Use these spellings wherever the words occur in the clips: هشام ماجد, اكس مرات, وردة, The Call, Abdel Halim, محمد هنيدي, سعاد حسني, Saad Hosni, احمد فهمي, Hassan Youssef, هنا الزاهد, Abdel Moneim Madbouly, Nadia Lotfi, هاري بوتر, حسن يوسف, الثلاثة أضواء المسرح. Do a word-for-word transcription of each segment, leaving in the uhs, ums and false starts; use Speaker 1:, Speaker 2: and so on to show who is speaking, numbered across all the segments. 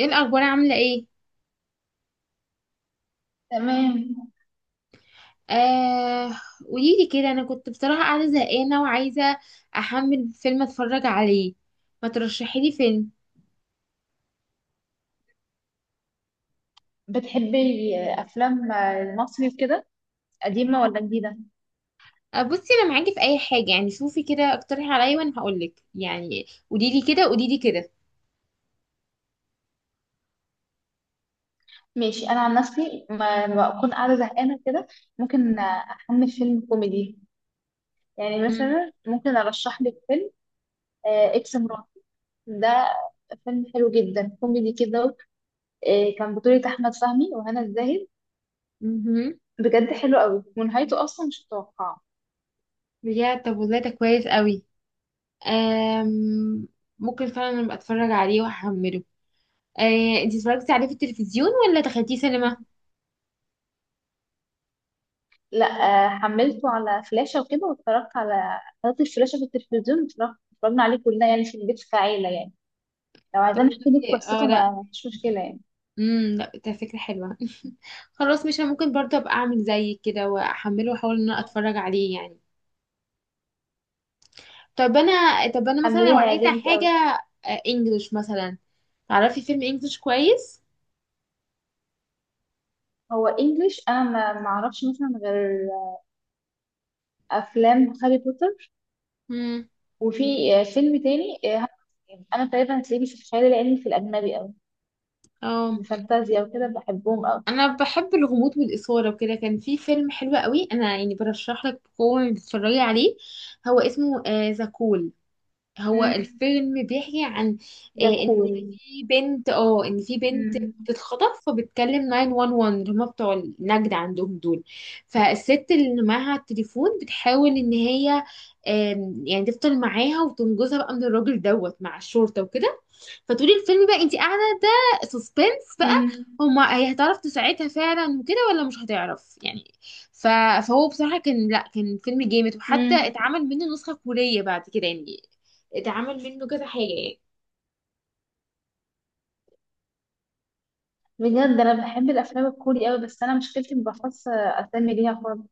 Speaker 1: ايه الاخبار، عامله ايه؟
Speaker 2: تمام.
Speaker 1: آه. قوليلي كده، انا كنت بصراحه قاعده زهقانه وعايزه احمل فيلم اتفرج عليه. ما ترشحي لي فيلم؟
Speaker 2: بتحبي افلام المصري وكده؟ قديمه ولا جديده؟
Speaker 1: آه، بصي، انا معاكي في اي حاجه، يعني شوفي كده، اقترحي عليا وانا هقولك، يعني قوليلي كده قوليلي كده.
Speaker 2: ماشي، انا عن نفسي ما- لما بكون قاعده زهقانه كده ممكن احمل فيلم كوميدي. يعني
Speaker 1: امم
Speaker 2: مثلا ممكن ارشح لك فيلم. آه، اكس مرات، ده فيلم حلو جدا كوميدي كده. آه، كان بطولة احمد فهمي وهنا الزاهد.
Speaker 1: مهم.
Speaker 2: بجد حلو قوي ونهايته اصلا مش متوقعه.
Speaker 1: بجد، طب والله ده كويس قوي. آم ممكن فعلا ابقى اتفرج عليه واحمله. آه، انتي اتفرجتي عليه في التلفزيون ولا دخلتيه سينما؟
Speaker 2: لا آه، حملته على فلاشة وكده، واتفرجت على حطيت الفلاشة في التلفزيون، اتفرجت- اتفرجنا عليه كلنا يعني في البيت كعيلة يعني. لو
Speaker 1: طب
Speaker 2: عايزين احكي لك
Speaker 1: والله-
Speaker 2: قصته
Speaker 1: اه، لا.
Speaker 2: ما ما فيش مشكله يعني.
Speaker 1: امم لا، ده فكرة حلوة. خلاص، مش أنا ممكن برضه ابقى اعمل زي كده واحمله واحاول ان انا اتفرج عليه يعني. طب انا طب انا مثلا لو
Speaker 2: حمليها
Speaker 1: عايزة
Speaker 2: هيعجبك
Speaker 1: حاجة.
Speaker 2: قوي.
Speaker 1: آه، انجلش مثلا. تعرفي فيلم انجلش كويس؟
Speaker 2: هو انجليش، انا ما ما اعرفش مثلا غير افلام هاري بوتر،
Speaker 1: امم
Speaker 2: وفي آه، فيلم تاني، آه، هاري- انا تقريبا هتلاقيني في الخيال العلمي، في الاجنبي قوي،
Speaker 1: اه،
Speaker 2: الفانتازيا وكده بحبهم قوي.
Speaker 1: انا بحب الغموض والاثارة وكده. كان في فيلم حلو قوي، انا يعني برشح لك بقوة انك تتفرجي عليه. هو اسمه ذا كول. هو
Speaker 2: مم.
Speaker 1: الفيلم بيحكي عن آه،
Speaker 2: ده
Speaker 1: ان
Speaker 2: كول.
Speaker 1: في بنت اه ان في بنت
Speaker 2: مم.
Speaker 1: بتتخطف، فبتكلم تسعة واحد واحد، اللي هما بتوع النجدة عندهم دول. فالست اللي معاها التليفون بتحاول ان هي آم، يعني تفضل معاها وتنجزها بقى من الراجل دوت مع الشرطة وكده. فتقولي الفيلم بقى انت قاعده، ده سسبنس بقى.
Speaker 2: مم.
Speaker 1: هما هي هتعرف تساعدها فعلا وكده ولا مش هتعرف يعني. ف... فهو بصراحه كان، لا، كان فيلم جامد،
Speaker 2: مم.
Speaker 1: وحتى اتعمل منه نسخه كوريه بعد كده يعني. اتعمل منه كذا حاجه يعني.
Speaker 2: بجد انا بحب الافلام الكوري قوي، بس انا مشكلتي ما بحفظش اسامي ليها خالص.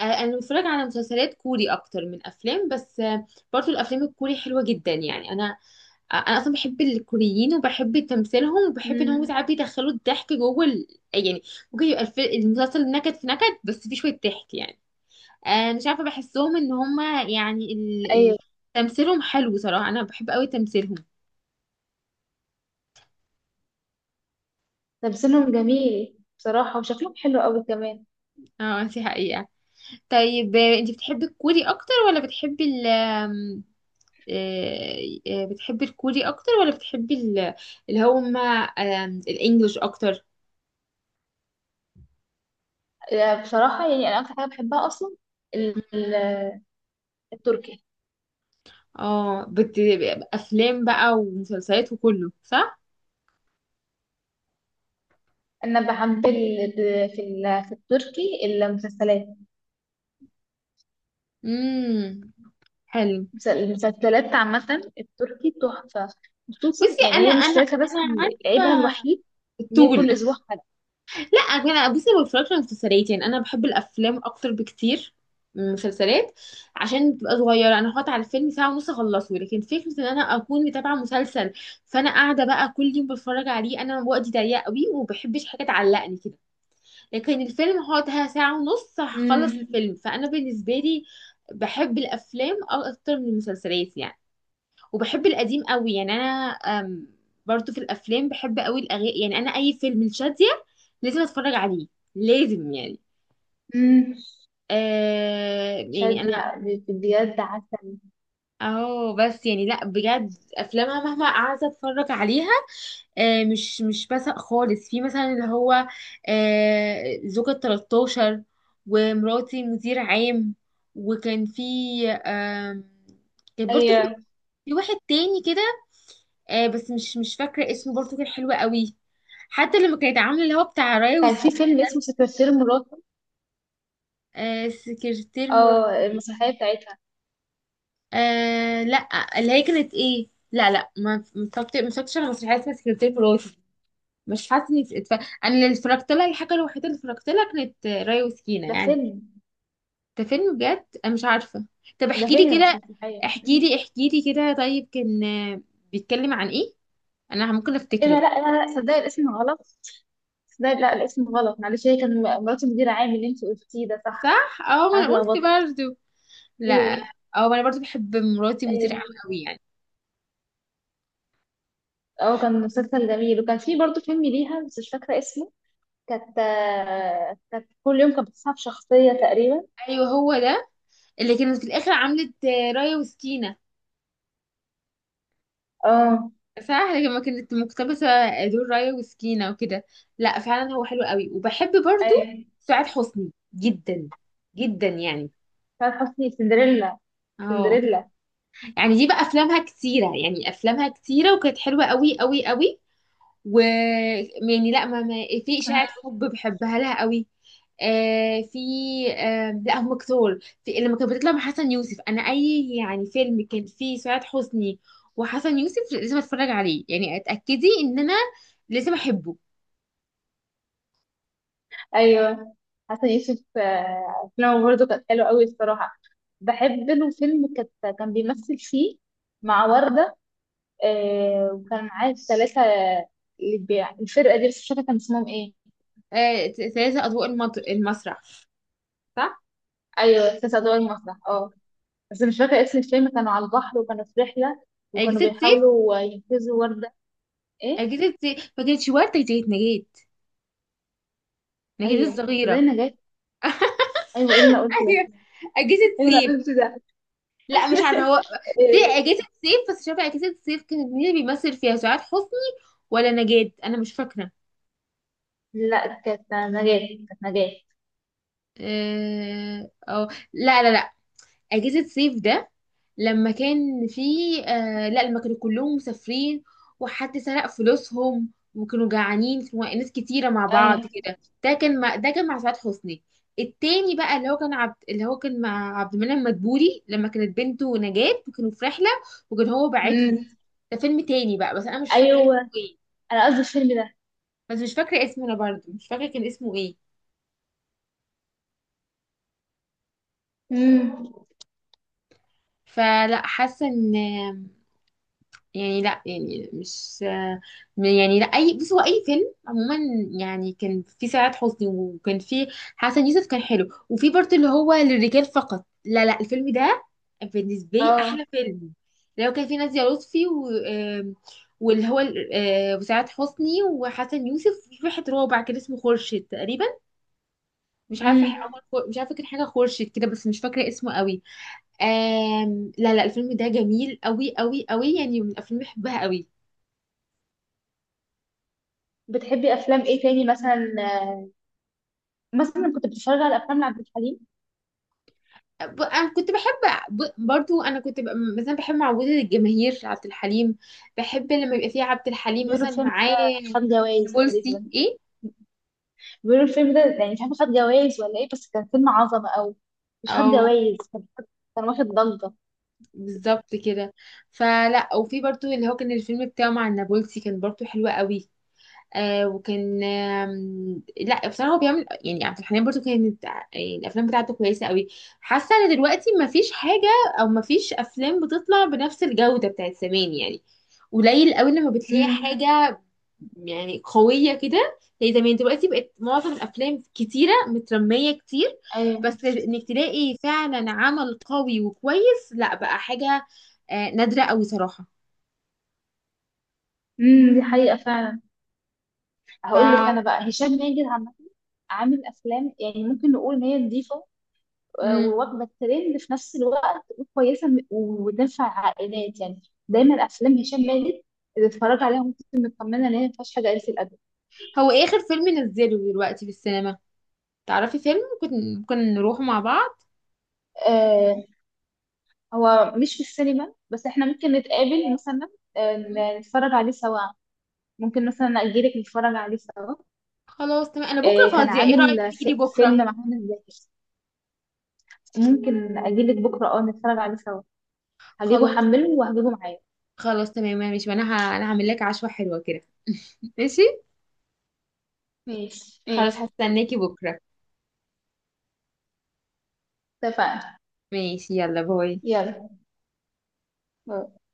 Speaker 1: آه، انا بتفرج على مسلسلات كوري اكتر من افلام، بس آه، برضو الافلام الكوري حلوه جدا، يعني انا آه، انا اصلا بحب الكوريين وبحب تمثيلهم وبحب ان هم
Speaker 2: مم.
Speaker 1: ساعات بيدخلوا الضحك جوه ال... يعني. ممكن يبقى الف- المسلسل نكد في نكد، بس فيه شويه ضحك يعني. آه، مش عارفة بحسهم ان هما يعني ال... ال...
Speaker 2: ايوه.
Speaker 1: تمثيلهم حلو صراحة، انا بحب قوي تمثيلهم.
Speaker 2: تمثيلهم جميل بصراحه، وشكلهم حلو قوي كمان.
Speaker 1: اه، دي حقيقة. طيب، آه، انتي بتحبي الكوري اكتر ولا بتحبي ال آم، آه، آه، بتحبي الكوري اكتر ولا بتحبي ال... اللي هما آم، الانجليش اكتر.
Speaker 2: آه، بصراحة يعني أنا أكتر حاجة بحبها أصلا ال- ال- التركي.
Speaker 1: اه بت... افلام بقى ومسلسلات وكله، صح؟
Speaker 2: أنا بحب ال- ب- في ال- في التركي المسلسلات،
Speaker 1: امم حلو.
Speaker 2: المس- المسلسلات عامة التركي تحفة. خصوصا
Speaker 1: بصي
Speaker 2: يعني
Speaker 1: انا،
Speaker 2: هي مش
Speaker 1: انا
Speaker 2: تاريخها بس،
Speaker 1: انا
Speaker 2: عيبها
Speaker 1: عارفة
Speaker 2: الوحيد إن هي
Speaker 1: الطول.
Speaker 2: كل أسبوع حلقة.
Speaker 1: لا، انا بصي ما بتفرجش على مسلسلات، يعني انا بحب الافلام اكتر بكتير من المسلسلات. عشان بتبقى صغيره، انا هقعد على الفيلم ساعه ونص اخلصه، لكن فكره ان انا اكون متابعه مسلسل، فانا قاعده بقى كل يوم بتفرج عليه، انا وقتي ضيق قوي وما بحبش حاجه تعلقني كده. لكن الفيلم هقعد ساعه ونص هخلص
Speaker 2: أمم.
Speaker 1: الفيلم، فانا بالنسبه لي بحب الافلام اكتر من المسلسلات يعني. وبحب القديم قوي يعني انا. أم، برضو في الافلام بحب قوي الاغاني، يعني انا اي فيلم لشادية لازم اتفرج عليه، لازم يعني.
Speaker 2: أمم.
Speaker 1: آه يعني
Speaker 2: شد
Speaker 1: انا
Speaker 2: يعني بجد عسل.
Speaker 1: اهو، بس يعني لا، بجد افلامها مهما قعدت اتفرج عليها آه مش مش بسق خالص، في مثلا اللي هو آه زوجة ثلاثة عشر، ومراتي مدير عام. وكان في، آه كان برضه في
Speaker 2: أيوة.
Speaker 1: في واحد تاني كده. آه بس مش مش فاكرة اسمه، برضه كان حلو قوي. حتى لما كانت عاملة اللي هو بتاع راي
Speaker 2: كان في
Speaker 1: وسكين.
Speaker 2: فيلم اسمه سكرتير مراته،
Speaker 1: آه سكرتير مرا.
Speaker 2: أو المسرحية بتاعتها.
Speaker 1: آه، لا، اللي هي كانت ايه، لا، لا، ما متفرجت- ما اتفرجتش على مسرحية اسمها سكرتير مراتي. مش حاسة اني اتف- انا اللي اتفرجت لها، الحاجة الوحيدة اللي اتفرجت لها كانت آه، راي وسكينة
Speaker 2: ده
Speaker 1: يعني.
Speaker 2: فيلم.
Speaker 1: ده فيلم؟ بجد أنا مش عارفة. طب
Speaker 2: ده
Speaker 1: احكي لي
Speaker 2: فيلم مش
Speaker 1: كده،
Speaker 2: مسرحية.
Speaker 1: احكي
Speaker 2: مم.
Speaker 1: لي احكي لي كده. طيب، كان آه، بيتكلم عن ايه؟ انا ممكن
Speaker 2: إيه ده،
Speaker 1: افتكره.
Speaker 2: لا لا لا، صدقني الاسم غلط. بس ده، لا الاسم غلط، معلش هي كان مرات المدير عام اللي انت قلتيه ده صح.
Speaker 1: صح، اه، ما
Speaker 2: انا
Speaker 1: انا قلت
Speaker 2: اتلخبطت.
Speaker 1: برضه. لا.
Speaker 2: ايوه.
Speaker 1: او انا برضو بحب مراتي مدير عام
Speaker 2: ايوه.
Speaker 1: قوي يعني.
Speaker 2: اه، كان مسلسل جميل، وكان في برضه فيلم ليها بس مش فاكره اسمه. كانت آه، كانت كل يوم كانت بتصحى بشخصيه تقريبا.
Speaker 1: ايوه، هو ده اللي كانت في الاخر عملت آه، رايه وسكينه.
Speaker 2: اه.
Speaker 1: صح، لما كانت مقتبسه دور رايه وسكينه وكده. لا، فعلا هو حلو قوي. وبحب برضو
Speaker 2: ايوه،
Speaker 1: سعاد حسني جدا جدا يعني.
Speaker 2: سعاد حسني سندريلا،
Speaker 1: اه،
Speaker 2: سندريلا.
Speaker 1: يعني دي بقى افلامها كتيره، يعني افلامها كتيره وكانت حلوه قوي قوي قوي. و، يعني لا ما ما في إشاعة
Speaker 2: مم.
Speaker 1: حب بحبها لها قوي. آه في آه لا، هم كتار. في لما كانت بتطلع مع حسن يوسف، انا اي يعني فيلم كان فيه سعاد حسني وحسن يوسف لازم اتفرج عليه، يعني اتاكدي ان انا لازم احبه.
Speaker 2: ايوه، حسن يوسف آه، افلامه برضه كانت حلوه قوي الصراحه. بحب له فيلم كانت كان بيمثل فيه مع وردة. آه وكان معاه الثلاثة اللي بيع الفرقة دي، بس مش فاكرة كان اسمهم ايه.
Speaker 1: آه ثلاثة اضواء المط- المسرح. صح.
Speaker 2: ايوه، الثلاثة أضواء المسرح، اه. بس مش فاكرة اسم الفيلم، كانوا على البحر وكانوا في رحلة وكانوا
Speaker 1: اجهزة سيف.
Speaker 2: بيحاولوا ينقذوا وردة. ايه؟
Speaker 1: اجهزة سيف، ما كانتش وردة، كانت نجاة. نجاة
Speaker 2: ايوه بس زي
Speaker 1: الصغيرة.
Speaker 2: نجاة. ايوه، ايه اللي انا قلته ده؟
Speaker 1: ايوه. اجهزة
Speaker 2: ايه اللي انا
Speaker 1: سيف.
Speaker 2: قلته ده؟
Speaker 1: لا، مش عارفه، هو في
Speaker 2: إيه،
Speaker 1: اجازه صيف، بس مش عارفه اجازه صيف كانت مين اللي بيمثل فيها، سعاد حسني ولا نجاة، انا مش فاكره.
Speaker 2: لا كانت نجاة، كانت نجاة.
Speaker 1: اه، أو- لا، لا، لا، اجازه صيف ده لما كان في، آه لا، لما كانوا كلهم مسافرين وحد سرق فلوسهم وكانوا جعانين وناس كتيره مع بعض
Speaker 2: ايوه.
Speaker 1: كده. ده كان مع ده كان مع سعاد حسني. التاني بقى اللي هو كان عبد اللي هو كان مع عبد المنعم مدبولي، لما كانت بنته نجاة وكانوا في رحله، وكان هو باعتهم.
Speaker 2: امم.
Speaker 1: ده فيلم تاني بقى، بس انا مش فاكره اسمه
Speaker 2: ايوه،
Speaker 1: ايه.
Speaker 2: انا قصدي الفيلم ده.
Speaker 1: بس مش فاكره اسمه، انا برضه مش فاكره كان اسمه ايه.
Speaker 2: امم.
Speaker 1: فلا، حاسه ان يعني، لا يعني مش، يعني لا اي، بص هو اي فيلم عموما، يعني كان فيه سعاد حسني وكان فيه حسن يوسف، كان حلو. وفي برضه اللي هو للرجال فقط، لا، لا، الفيلم ده بالنسبه لي
Speaker 2: اه.
Speaker 1: احلى فيلم. لو كان فيه نادية لطفي و آم، واللي هو ال- آه، وسعاد حسني وحسن يوسف، في واحد رابع كان اسمه خورشيد تقريبا. مش عارفه ح-
Speaker 2: امم.
Speaker 1: عمر، خو- مش عارفه كان حاجه خورشيد كده، بس مش فاكره اسمه قوي. آم... لا، لا، الفيلم ده جميل قوي قوي قوي يعني، من الافلام اللي بحبها قوي.
Speaker 2: بتحبي افلام ايه تاني مثلا؟ مثلا كنت بتتفرج على افلام لعبد الحليم؟
Speaker 1: ب- انا كنت بحب، ب- برضو انا كنت ب- مثلا بحب معوده الجماهير عبد الحليم. بحب لما يبقى فيه عبد الحليم
Speaker 2: غير
Speaker 1: مثلا
Speaker 2: الفيلم
Speaker 1: معاه.
Speaker 2: خد جوائز
Speaker 1: بولسي
Speaker 2: تقريبا.
Speaker 1: ايه.
Speaker 2: بيقولوا الفيلم ده يعني مش عارفه خد جوائز ولا ايه، بس كان فيلم عظمه قوي. مش خد
Speaker 1: اه،
Speaker 2: جوائز، كان كان واخد ضجه.
Speaker 1: بالظبط كده. فلا، وفي برضو اللي هو كان الفيلم بتاعه مع النابلسي، كان برضو حلو قوي. آه وكان آم، لا بصراحه هو بيعمل يعني، عبد الحليم برضو كانت آه، يعني الافلام بتاعته كويسه قوي. حاسه ان دلوقتي ما فيش حاجه، او ما فيش افلام بتطلع بنفس الجوده بتاعت زمان يعني. قليل قوي لما بتلاقي
Speaker 2: امم.
Speaker 1: حاجه يعني قويه كده زي زمان. دلوقتي بقت معظم الافلام كتيره، مترميه كتير.
Speaker 2: ايوه.
Speaker 1: بس انك تلاقي فعلا عمل قوي وكويس، لا، بقى حاجه آه، نادره قوي صراحه.
Speaker 2: امم. دي حقيقة فعلا. هقول لك انا
Speaker 1: ف
Speaker 2: بقى هشام ماجد عامه عامل افلام يعني ممكن نقول ان هي نظيفه، آه،
Speaker 1: مم.
Speaker 2: وواخده الترند في نفس الوقت وكويسه، م- وتنفع عائلات يعني. دايما افلام هشام ماجد اللي اتفرج عليها ممكن تكون مطمنه ان هي ما فيهاش حاجه قليله الادب.
Speaker 1: هو ايه اخر فيلم نزله دلوقتي في السينما؟ تعرفي فيلم ممكن ممكن نروح مع بعض؟
Speaker 2: آه، هو مش في السينما، بس احنا ممكن نتقابل مثلا، آه، ن- نتفرج عليه سوا، ممكن مثلا اجيلك نتفرج عليه سوا.
Speaker 1: خلاص، تمام، انا بكره
Speaker 2: آه، كان
Speaker 1: فاضيه، ايه رايك
Speaker 2: عامل ف-
Speaker 1: تيجي
Speaker 2: فيلم
Speaker 1: بكره؟
Speaker 2: مع هنا الزاهد. ممكن اجيلك بكره، اه نتفرج عليه سوا. هجيبه
Speaker 1: خلاص.
Speaker 2: حمله وهجيبه معايا.
Speaker 1: خلاص، تمام، ماشي، وانا ه... انا هعمل لك عشوه حلوه كده. ماشي.
Speaker 2: ماشي،
Speaker 1: خلاص،
Speaker 2: ماشي.
Speaker 1: هستناكي بكره.
Speaker 2: اتفقنا.
Speaker 1: ماشي، يلا، باي.
Speaker 2: يلا، باي.